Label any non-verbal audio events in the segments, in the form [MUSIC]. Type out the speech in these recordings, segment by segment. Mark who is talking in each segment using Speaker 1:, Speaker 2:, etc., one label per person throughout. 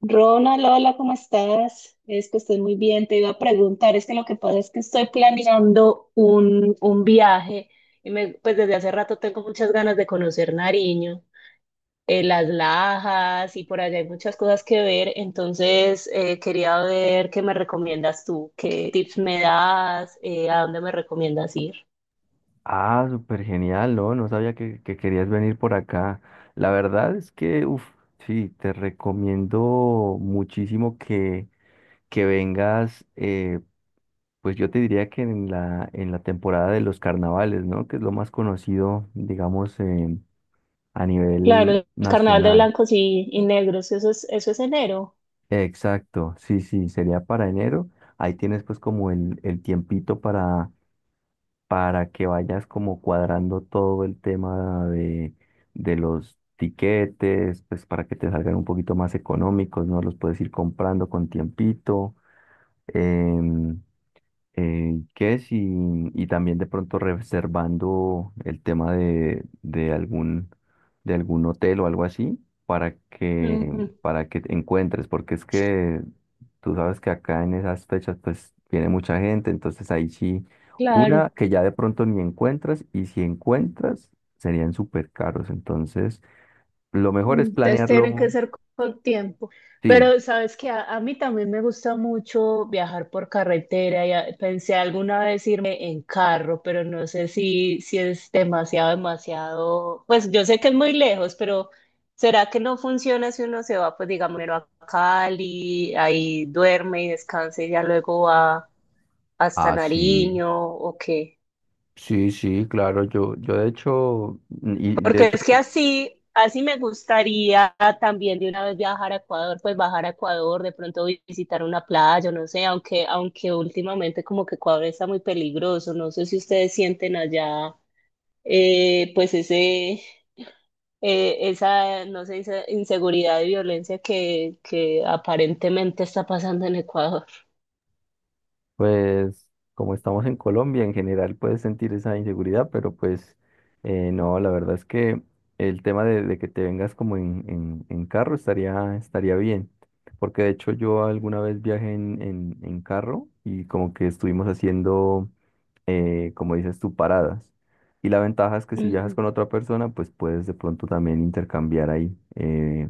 Speaker 1: Ronald, hola, ¿cómo estás? Es que estoy muy bien. Te iba a preguntar, es que lo que pasa es que estoy planeando un viaje y me, pues desde hace rato tengo muchas ganas de conocer Nariño, las Lajas y por allá hay muchas cosas que ver. Entonces quería ver qué me recomiendas tú, qué tips me das, a dónde me recomiendas ir.
Speaker 2: Ah, súper genial, ¿no? No sabía que querías venir por acá. La verdad es que, uff, sí, te recomiendo muchísimo que vengas, pues yo te diría que en la temporada de los carnavales, ¿no? Que es lo más conocido, digamos, a
Speaker 1: Claro,
Speaker 2: nivel
Speaker 1: el carnaval de
Speaker 2: nacional.
Speaker 1: blancos y negros, eso es enero.
Speaker 2: Exacto, sí, sí, sería para enero. Ahí tienes pues como el tiempito para que vayas como cuadrando todo el tema de los tiquetes, pues para que te salgan un poquito más económicos, ¿no? Los puedes ir comprando con tiempito. em, ¿Qué es? Y también de pronto reservando el tema de algún, de algún hotel o algo así para que,
Speaker 1: Ujú,
Speaker 2: para que te encuentres, porque es que tú sabes que acá en esas fechas pues viene mucha gente, entonces ahí sí,
Speaker 1: claro.
Speaker 2: una que ya de pronto ni encuentras y si encuentras serían súper caros, entonces lo mejor es
Speaker 1: Entonces tiene
Speaker 2: planearlo,
Speaker 1: que ser con tiempo.
Speaker 2: sí.
Speaker 1: Pero sabes que a mí también me gusta mucho viajar por carretera. Ya pensé alguna vez irme en carro, pero no sé si es demasiado. Pues yo sé que es muy lejos, pero ¿será que no funciona si uno se va, pues digamos, primero a Cali, ahí duerme y descansa y ya luego va hasta
Speaker 2: Ah, sí,
Speaker 1: Nariño o qué?
Speaker 2: sí, sí, claro, yo de hecho, y de
Speaker 1: Porque
Speaker 2: hecho.
Speaker 1: es que así me gustaría también de una vez viajar a Ecuador, pues bajar a Ecuador, de pronto visitar una playa, no sé, aunque últimamente como que Ecuador está muy peligroso, no sé si ustedes sienten allá, eh, pues ese, no sé, esa inseguridad y violencia que aparentemente está pasando en Ecuador.
Speaker 2: Pues como estamos en Colombia, en general puedes sentir esa inseguridad, pero pues no, la verdad es que el tema de que te vengas como en carro estaría, bien, porque de hecho yo alguna vez viajé en carro y como que estuvimos haciendo, como dices tú, paradas. Y la ventaja es que si viajas con otra persona, pues puedes de pronto también intercambiar ahí. eh,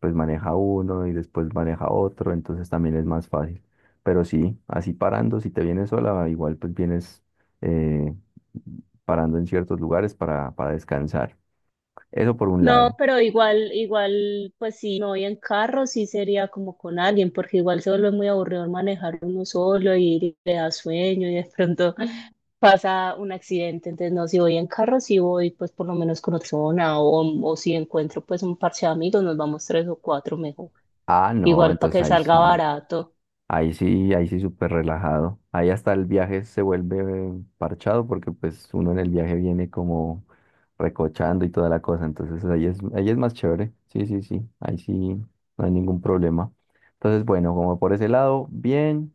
Speaker 2: pues maneja uno y después maneja otro, entonces también es más fácil. Pero sí, así parando, si te vienes sola, igual pues vienes eh, parando en ciertos lugares para descansar. Eso por un
Speaker 1: No,
Speaker 2: lado.
Speaker 1: pero igual, pues si me voy en carro, sí sería como con alguien, porque igual se vuelve muy aburrido manejar uno solo y le da sueño y de pronto pasa un accidente. Entonces, no, si voy en carro, sí voy pues por lo menos con otra persona o si encuentro pues un parche de amigos, nos vamos tres o cuatro mejor.
Speaker 2: Ah, no,
Speaker 1: Igual para
Speaker 2: entonces
Speaker 1: que
Speaker 2: ahí
Speaker 1: salga
Speaker 2: sí.
Speaker 1: barato.
Speaker 2: Ahí sí, ahí sí súper relajado. Ahí hasta el viaje se vuelve parchado porque pues uno en el viaje viene como recochando y toda la cosa. Entonces ahí es más chévere. Sí, sí, sí. Ahí sí no hay ningún problema. Entonces, bueno, como por ese lado, bien.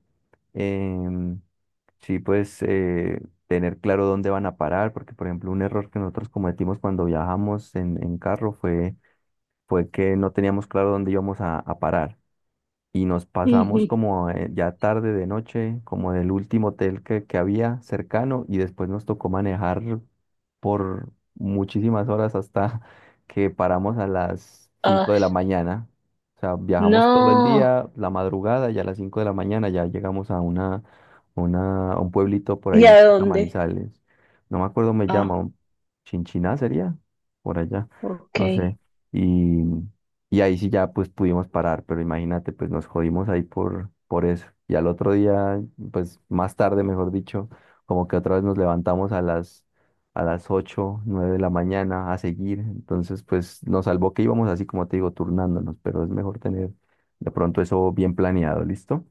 Speaker 2: Em, sí, pues tener claro dónde van a parar, porque por ejemplo un error que nosotros cometimos cuando viajamos en carro fue, que no teníamos claro dónde íbamos a parar y nos
Speaker 1: Ujú.
Speaker 2: pasamos como ya tarde de noche, como del último hotel que había cercano y después nos tocó manejar por muchísimas horas hasta [LAUGHS] que paramos a las 5
Speaker 1: Ah,
Speaker 2: de la mañana. O sea, viajamos todo el
Speaker 1: no.
Speaker 2: día, la madrugada y a las 5 de la mañana ya llegamos a una, a un pueblito por
Speaker 1: ¿Y
Speaker 2: ahí,
Speaker 1: a
Speaker 2: cerca de
Speaker 1: dónde?
Speaker 2: Manizales. No me acuerdo, me
Speaker 1: Ah,
Speaker 2: llama, Chinchiná sería, por allá,
Speaker 1: ok.
Speaker 2: no sé. y y ahí sí ya pues pudimos parar, pero imagínate, pues nos jodimos ahí por eso. Y al otro día, pues más tarde, mejor dicho, como que otra vez nos levantamos a las 8 9 de la mañana a seguir. Entonces, pues nos salvó que íbamos así, como te digo, turnándonos, pero es mejor tener de pronto eso bien planeado, ¿listo?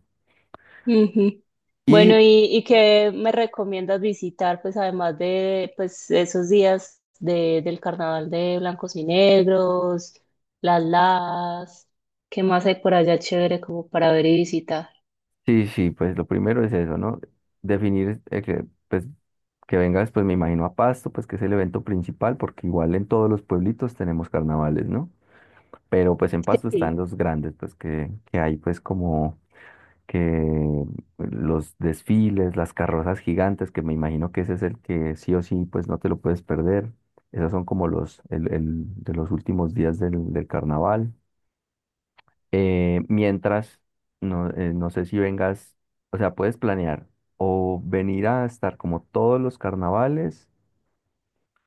Speaker 1: Ujú. Bueno,
Speaker 2: Y
Speaker 1: y qué me recomiendas visitar, pues además de pues, esos días de, del carnaval de blancos y negros, las las, qué más hay por allá chévere como para ver y visitar?
Speaker 2: sí, sí, pues lo primero es eso, ¿no? Definir pues, que vengas, pues me imagino a Pasto, pues que es el evento principal, porque igual en todos los pueblitos tenemos carnavales, ¿no? Pero pues en Pasto están
Speaker 1: Sí.
Speaker 2: los grandes, pues que hay pues como que los desfiles, las carrozas gigantes, que me imagino que ese es el que sí o sí pues no te lo puedes perder. Esos son como el de los últimos días del carnaval. Mientras, no, no sé si vengas, o sea, puedes planear o venir a estar como todos los carnavales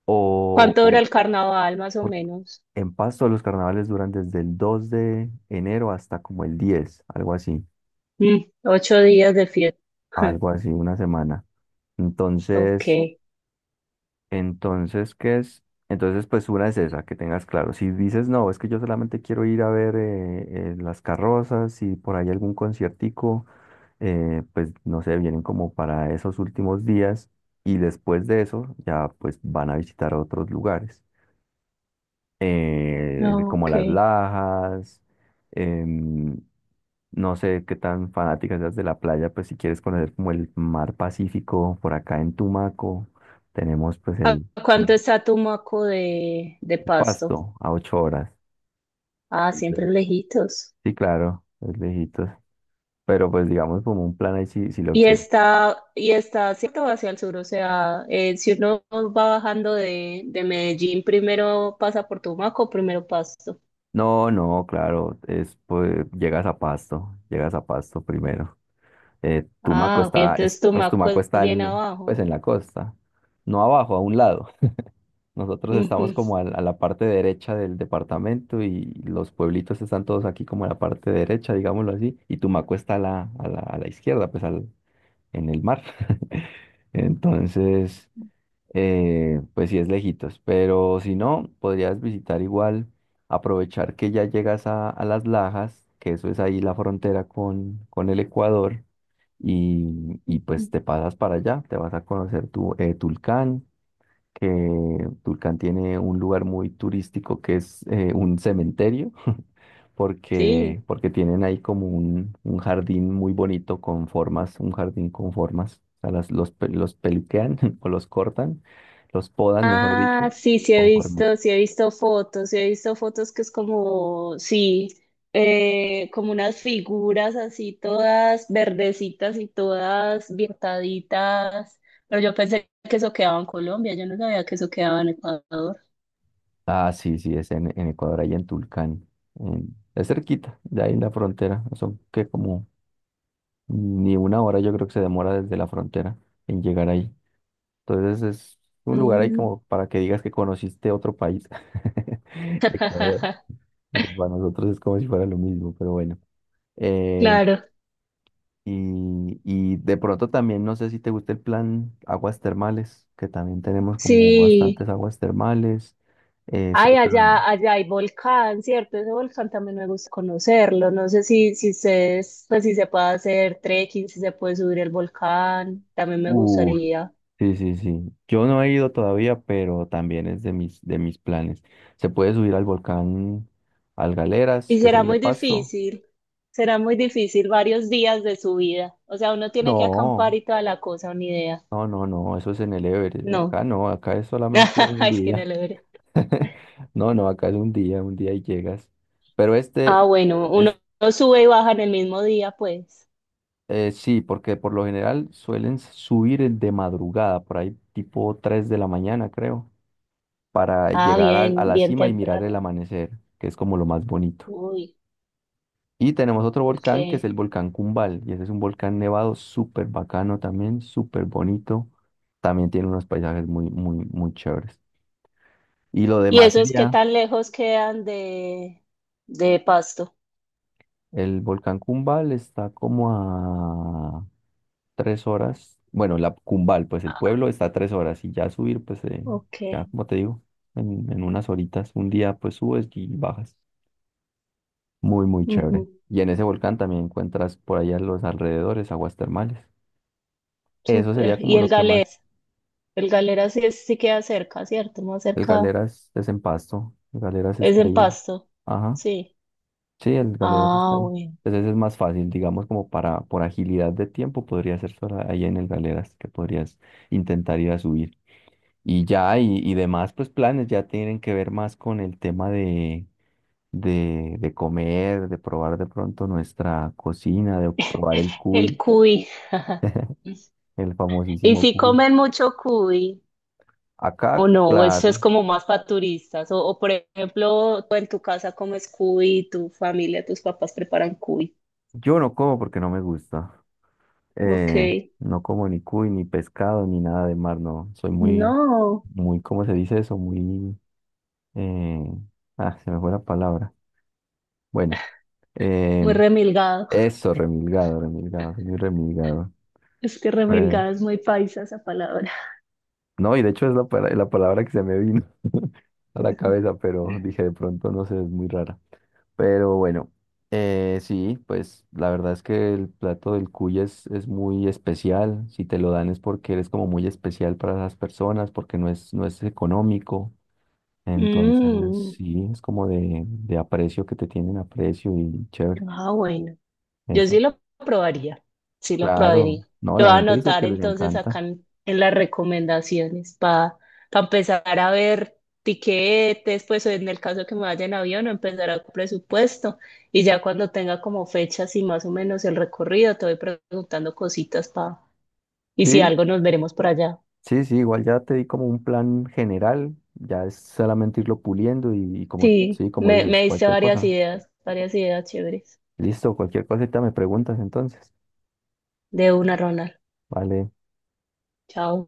Speaker 2: o,
Speaker 1: ¿Cuánto dura
Speaker 2: o-
Speaker 1: el carnaval más o menos?
Speaker 2: En Pasto los carnavales duran desde el 2 de enero hasta como el 10, algo así,
Speaker 1: Mm, ocho días de fiesta. [LAUGHS]
Speaker 2: algo así, una semana.
Speaker 1: Ok,
Speaker 2: Entonces, entonces, ¿qué es? Entonces, pues una es esa, que tengas claro. Si dices, no, es que yo solamente quiero ir a ver las carrozas y por ahí algún conciertico, pues no sé, vienen como para esos últimos días y después de eso ya pues van a visitar otros lugares, como
Speaker 1: ok.
Speaker 2: las Lajas. em, No sé qué tan fanática seas de la playa, pues si quieres conocer como el mar Pacífico, por acá en Tumaco tenemos pues
Speaker 1: ¿A
Speaker 2: el
Speaker 1: cuánto está Tumaco de Pasto?
Speaker 2: Pasto a 8 horas.
Speaker 1: Ah, siempre
Speaker 2: Entonces,
Speaker 1: lejitos.
Speaker 2: sí, claro, es lejitos. Pero pues digamos como un plan ahí si lo
Speaker 1: Y
Speaker 2: quieres.
Speaker 1: está cierto hacia el sur, o sea, si uno va bajando de Medellín, primero pasa por Tumaco, primero Pasto.
Speaker 2: No, no, claro, es pues llegas a Pasto primero. Tumaco
Speaker 1: Ah, ok,
Speaker 2: está,
Speaker 1: entonces
Speaker 2: pues
Speaker 1: Tumaco
Speaker 2: Tumaco
Speaker 1: es
Speaker 2: está
Speaker 1: bien
Speaker 2: pues
Speaker 1: abajo.
Speaker 2: en la costa, no abajo, a un lado. Nosotros
Speaker 1: Ujú.
Speaker 2: estamos como a, la parte derecha del departamento y los pueblitos están todos aquí como en la parte derecha, digámoslo así, y Tumaco está a la izquierda, pues en el mar. [LAUGHS] Entonces, pues sí es lejitos, pero si no, podrías visitar igual, aprovechar que ya llegas a Las Lajas, que eso es ahí la frontera con el Ecuador, y pues
Speaker 1: Ujú.
Speaker 2: te pasas para allá, te vas a conocer Tulcán, que Tulcán tiene un lugar muy turístico que es un cementerio, [LAUGHS] porque,
Speaker 1: Sí.
Speaker 2: tienen ahí como un jardín muy bonito con formas, un jardín con formas, o sea, los peluquean [LAUGHS] o los cortan, los podan, mejor
Speaker 1: Ah,
Speaker 2: dicho,
Speaker 1: sí,
Speaker 2: con formitas.
Speaker 1: sí he visto fotos, sí he visto fotos que es como, sí, como unas figuras así todas verdecitas y todas viertaditas, pero yo pensé que eso quedaba en Colombia, yo no sabía que eso quedaba en Ecuador.
Speaker 2: Ah, sí, sí, es en Ecuador, ahí en Tulcán, es cerquita, de ahí en la frontera, son que como ni una hora yo creo que se demora desde la frontera en llegar ahí. Entonces es un lugar ahí
Speaker 1: Mm,
Speaker 2: como para que digas que conociste otro país. [LAUGHS] Ecuador,
Speaker 1: [LAUGHS]
Speaker 2: porque para nosotros es como si fuera lo mismo, pero bueno. Eh,
Speaker 1: claro,
Speaker 2: y de pronto también no sé si te gusta el plan aguas termales, que también tenemos como
Speaker 1: sí.
Speaker 2: bastantes aguas termales
Speaker 1: Ay,
Speaker 2: cerca.
Speaker 1: allá hay volcán, ¿cierto? Ese volcán también me gusta conocerlo. No sé pues, si se puede hacer trekking, si se puede subir el volcán, también me
Speaker 2: Uh,
Speaker 1: gustaría.
Speaker 2: sí, sí, sí. Yo no he ido todavía, pero también es de mis planes. Se puede subir al volcán Algaleras,
Speaker 1: Y
Speaker 2: que es
Speaker 1: será
Speaker 2: el de
Speaker 1: muy
Speaker 2: Pasto.
Speaker 1: difícil, será muy difícil varios días de subida. O sea, uno tiene que acampar
Speaker 2: No.
Speaker 1: y toda la cosa, una idea.
Speaker 2: No, no, no, eso es en el Everest.
Speaker 1: No,
Speaker 2: Acá no, acá es
Speaker 1: [LAUGHS]
Speaker 2: solamente un
Speaker 1: es que no
Speaker 2: día.
Speaker 1: lo veré.
Speaker 2: [LAUGHS] No, no, acá es un día y llegas. Pero
Speaker 1: Ah,
Speaker 2: este
Speaker 1: bueno,
Speaker 2: es
Speaker 1: uno sube y baja en el mismo día, pues.
Speaker 2: sí, porque por lo general suelen subir el de madrugada, por ahí tipo 3 de la mañana, creo, para
Speaker 1: Ah,
Speaker 2: llegar a,
Speaker 1: bien,
Speaker 2: la
Speaker 1: bien
Speaker 2: cima y mirar el
Speaker 1: temprano.
Speaker 2: amanecer, que es como lo más bonito.
Speaker 1: Uy,
Speaker 2: Y tenemos otro
Speaker 1: ok.
Speaker 2: volcán que es el volcán Cumbal, y ese es un volcán nevado súper bacano también, súper bonito. También tiene unos paisajes muy, muy, muy chéveres. Y lo
Speaker 1: ¿Y
Speaker 2: demás
Speaker 1: esos qué
Speaker 2: sería.
Speaker 1: tan lejos quedan de Pasto?
Speaker 2: El volcán Cumbal está como a 3 horas. Bueno, la Cumbal, pues el
Speaker 1: Ah,
Speaker 2: pueblo está a 3 horas y ya subir, pues
Speaker 1: ok,
Speaker 2: ya como te digo, en unas horitas, un día pues subes y bajas. Muy, muy chévere.
Speaker 1: ujú,
Speaker 2: Y en ese volcán también encuentras por allá en los alrededores aguas termales. Eso
Speaker 1: súper.
Speaker 2: sería como
Speaker 1: ¿Y el
Speaker 2: lo que más.
Speaker 1: Galera? El Galera sí, es- sí queda cerca, ¿cierto? Más
Speaker 2: El
Speaker 1: cerca.
Speaker 2: Galeras es en Pasto. El Galeras
Speaker 1: Es
Speaker 2: está
Speaker 1: en
Speaker 2: ahí.
Speaker 1: Pasto.
Speaker 2: Ajá.
Speaker 1: Sí.
Speaker 2: Sí, el Galeras está
Speaker 1: Ah,
Speaker 2: ahí.
Speaker 1: bueno.
Speaker 2: Entonces es más fácil, digamos, como para, por agilidad de tiempo, podría ser solo ahí en el Galeras, que podrías intentar ir a subir. Y ya, y demás, pues planes ya tienen que ver más con el tema de, de comer, de probar de pronto nuestra cocina, de probar el
Speaker 1: El
Speaker 2: cuy,
Speaker 1: cuy. [LAUGHS]
Speaker 2: el
Speaker 1: ¿Y
Speaker 2: famosísimo
Speaker 1: si
Speaker 2: cuy.
Speaker 1: comen mucho cuy
Speaker 2: Acá,
Speaker 1: o no? ¿O eso es
Speaker 2: claro,
Speaker 1: como más para turistas? O, por ejemplo, tú en tu casa comes cuy, tu familia, tus papás preparan cuy.
Speaker 2: yo no como porque no me gusta.
Speaker 1: Ok.
Speaker 2: Eh, no como ni cuy, ni pescado, ni nada de mar, no. Soy muy
Speaker 1: No,
Speaker 2: muy, ¿cómo se dice eso? Muy Eh, se me fue la palabra. Bueno,
Speaker 1: muy
Speaker 2: eh,
Speaker 1: remilgado.
Speaker 2: eso, remilgado, remilgado, soy muy remilgado.
Speaker 1: Es que
Speaker 2: Eh,
Speaker 1: remilgada es muy paisa esa palabra.
Speaker 2: no, y de hecho es la, la palabra que se me vino [LAUGHS] a la cabeza, pero
Speaker 1: [LAUGHS]
Speaker 2: dije de pronto, no sé, es muy rara. Pero bueno, sí, pues la verdad es que el plato del cuy es, muy especial. Si te lo dan es porque eres como muy especial para las personas, porque no es, económico. Entonces,
Speaker 1: Mm,
Speaker 2: sí, es como de aprecio que te tienen aprecio y chévere.
Speaker 1: Ah, bueno. Yo sí
Speaker 2: Eso,
Speaker 1: lo probaría, sí lo
Speaker 2: claro.
Speaker 1: probaría.
Speaker 2: No,
Speaker 1: Lo
Speaker 2: la
Speaker 1: voy a
Speaker 2: gente dice
Speaker 1: anotar
Speaker 2: que les
Speaker 1: entonces
Speaker 2: encanta.
Speaker 1: acá en las recomendaciones para empezar a ver tiquetes, pues o en el caso que me vaya en avión, empezar a presupuesto y ya cuando tenga como fechas y más o menos el recorrido, te voy preguntando cositas para, y si
Speaker 2: Sí,
Speaker 1: algo nos veremos por allá.
Speaker 2: sí, sí, igual ya te di como un plan general, ya es solamente irlo puliendo y como,
Speaker 1: Sí,
Speaker 2: sí, como dices,
Speaker 1: me diste
Speaker 2: cualquier cosa.
Speaker 1: varias ideas chéveres.
Speaker 2: Listo, cualquier cosita me preguntas entonces.
Speaker 1: De una, Ronald.
Speaker 2: Vale.
Speaker 1: Chao.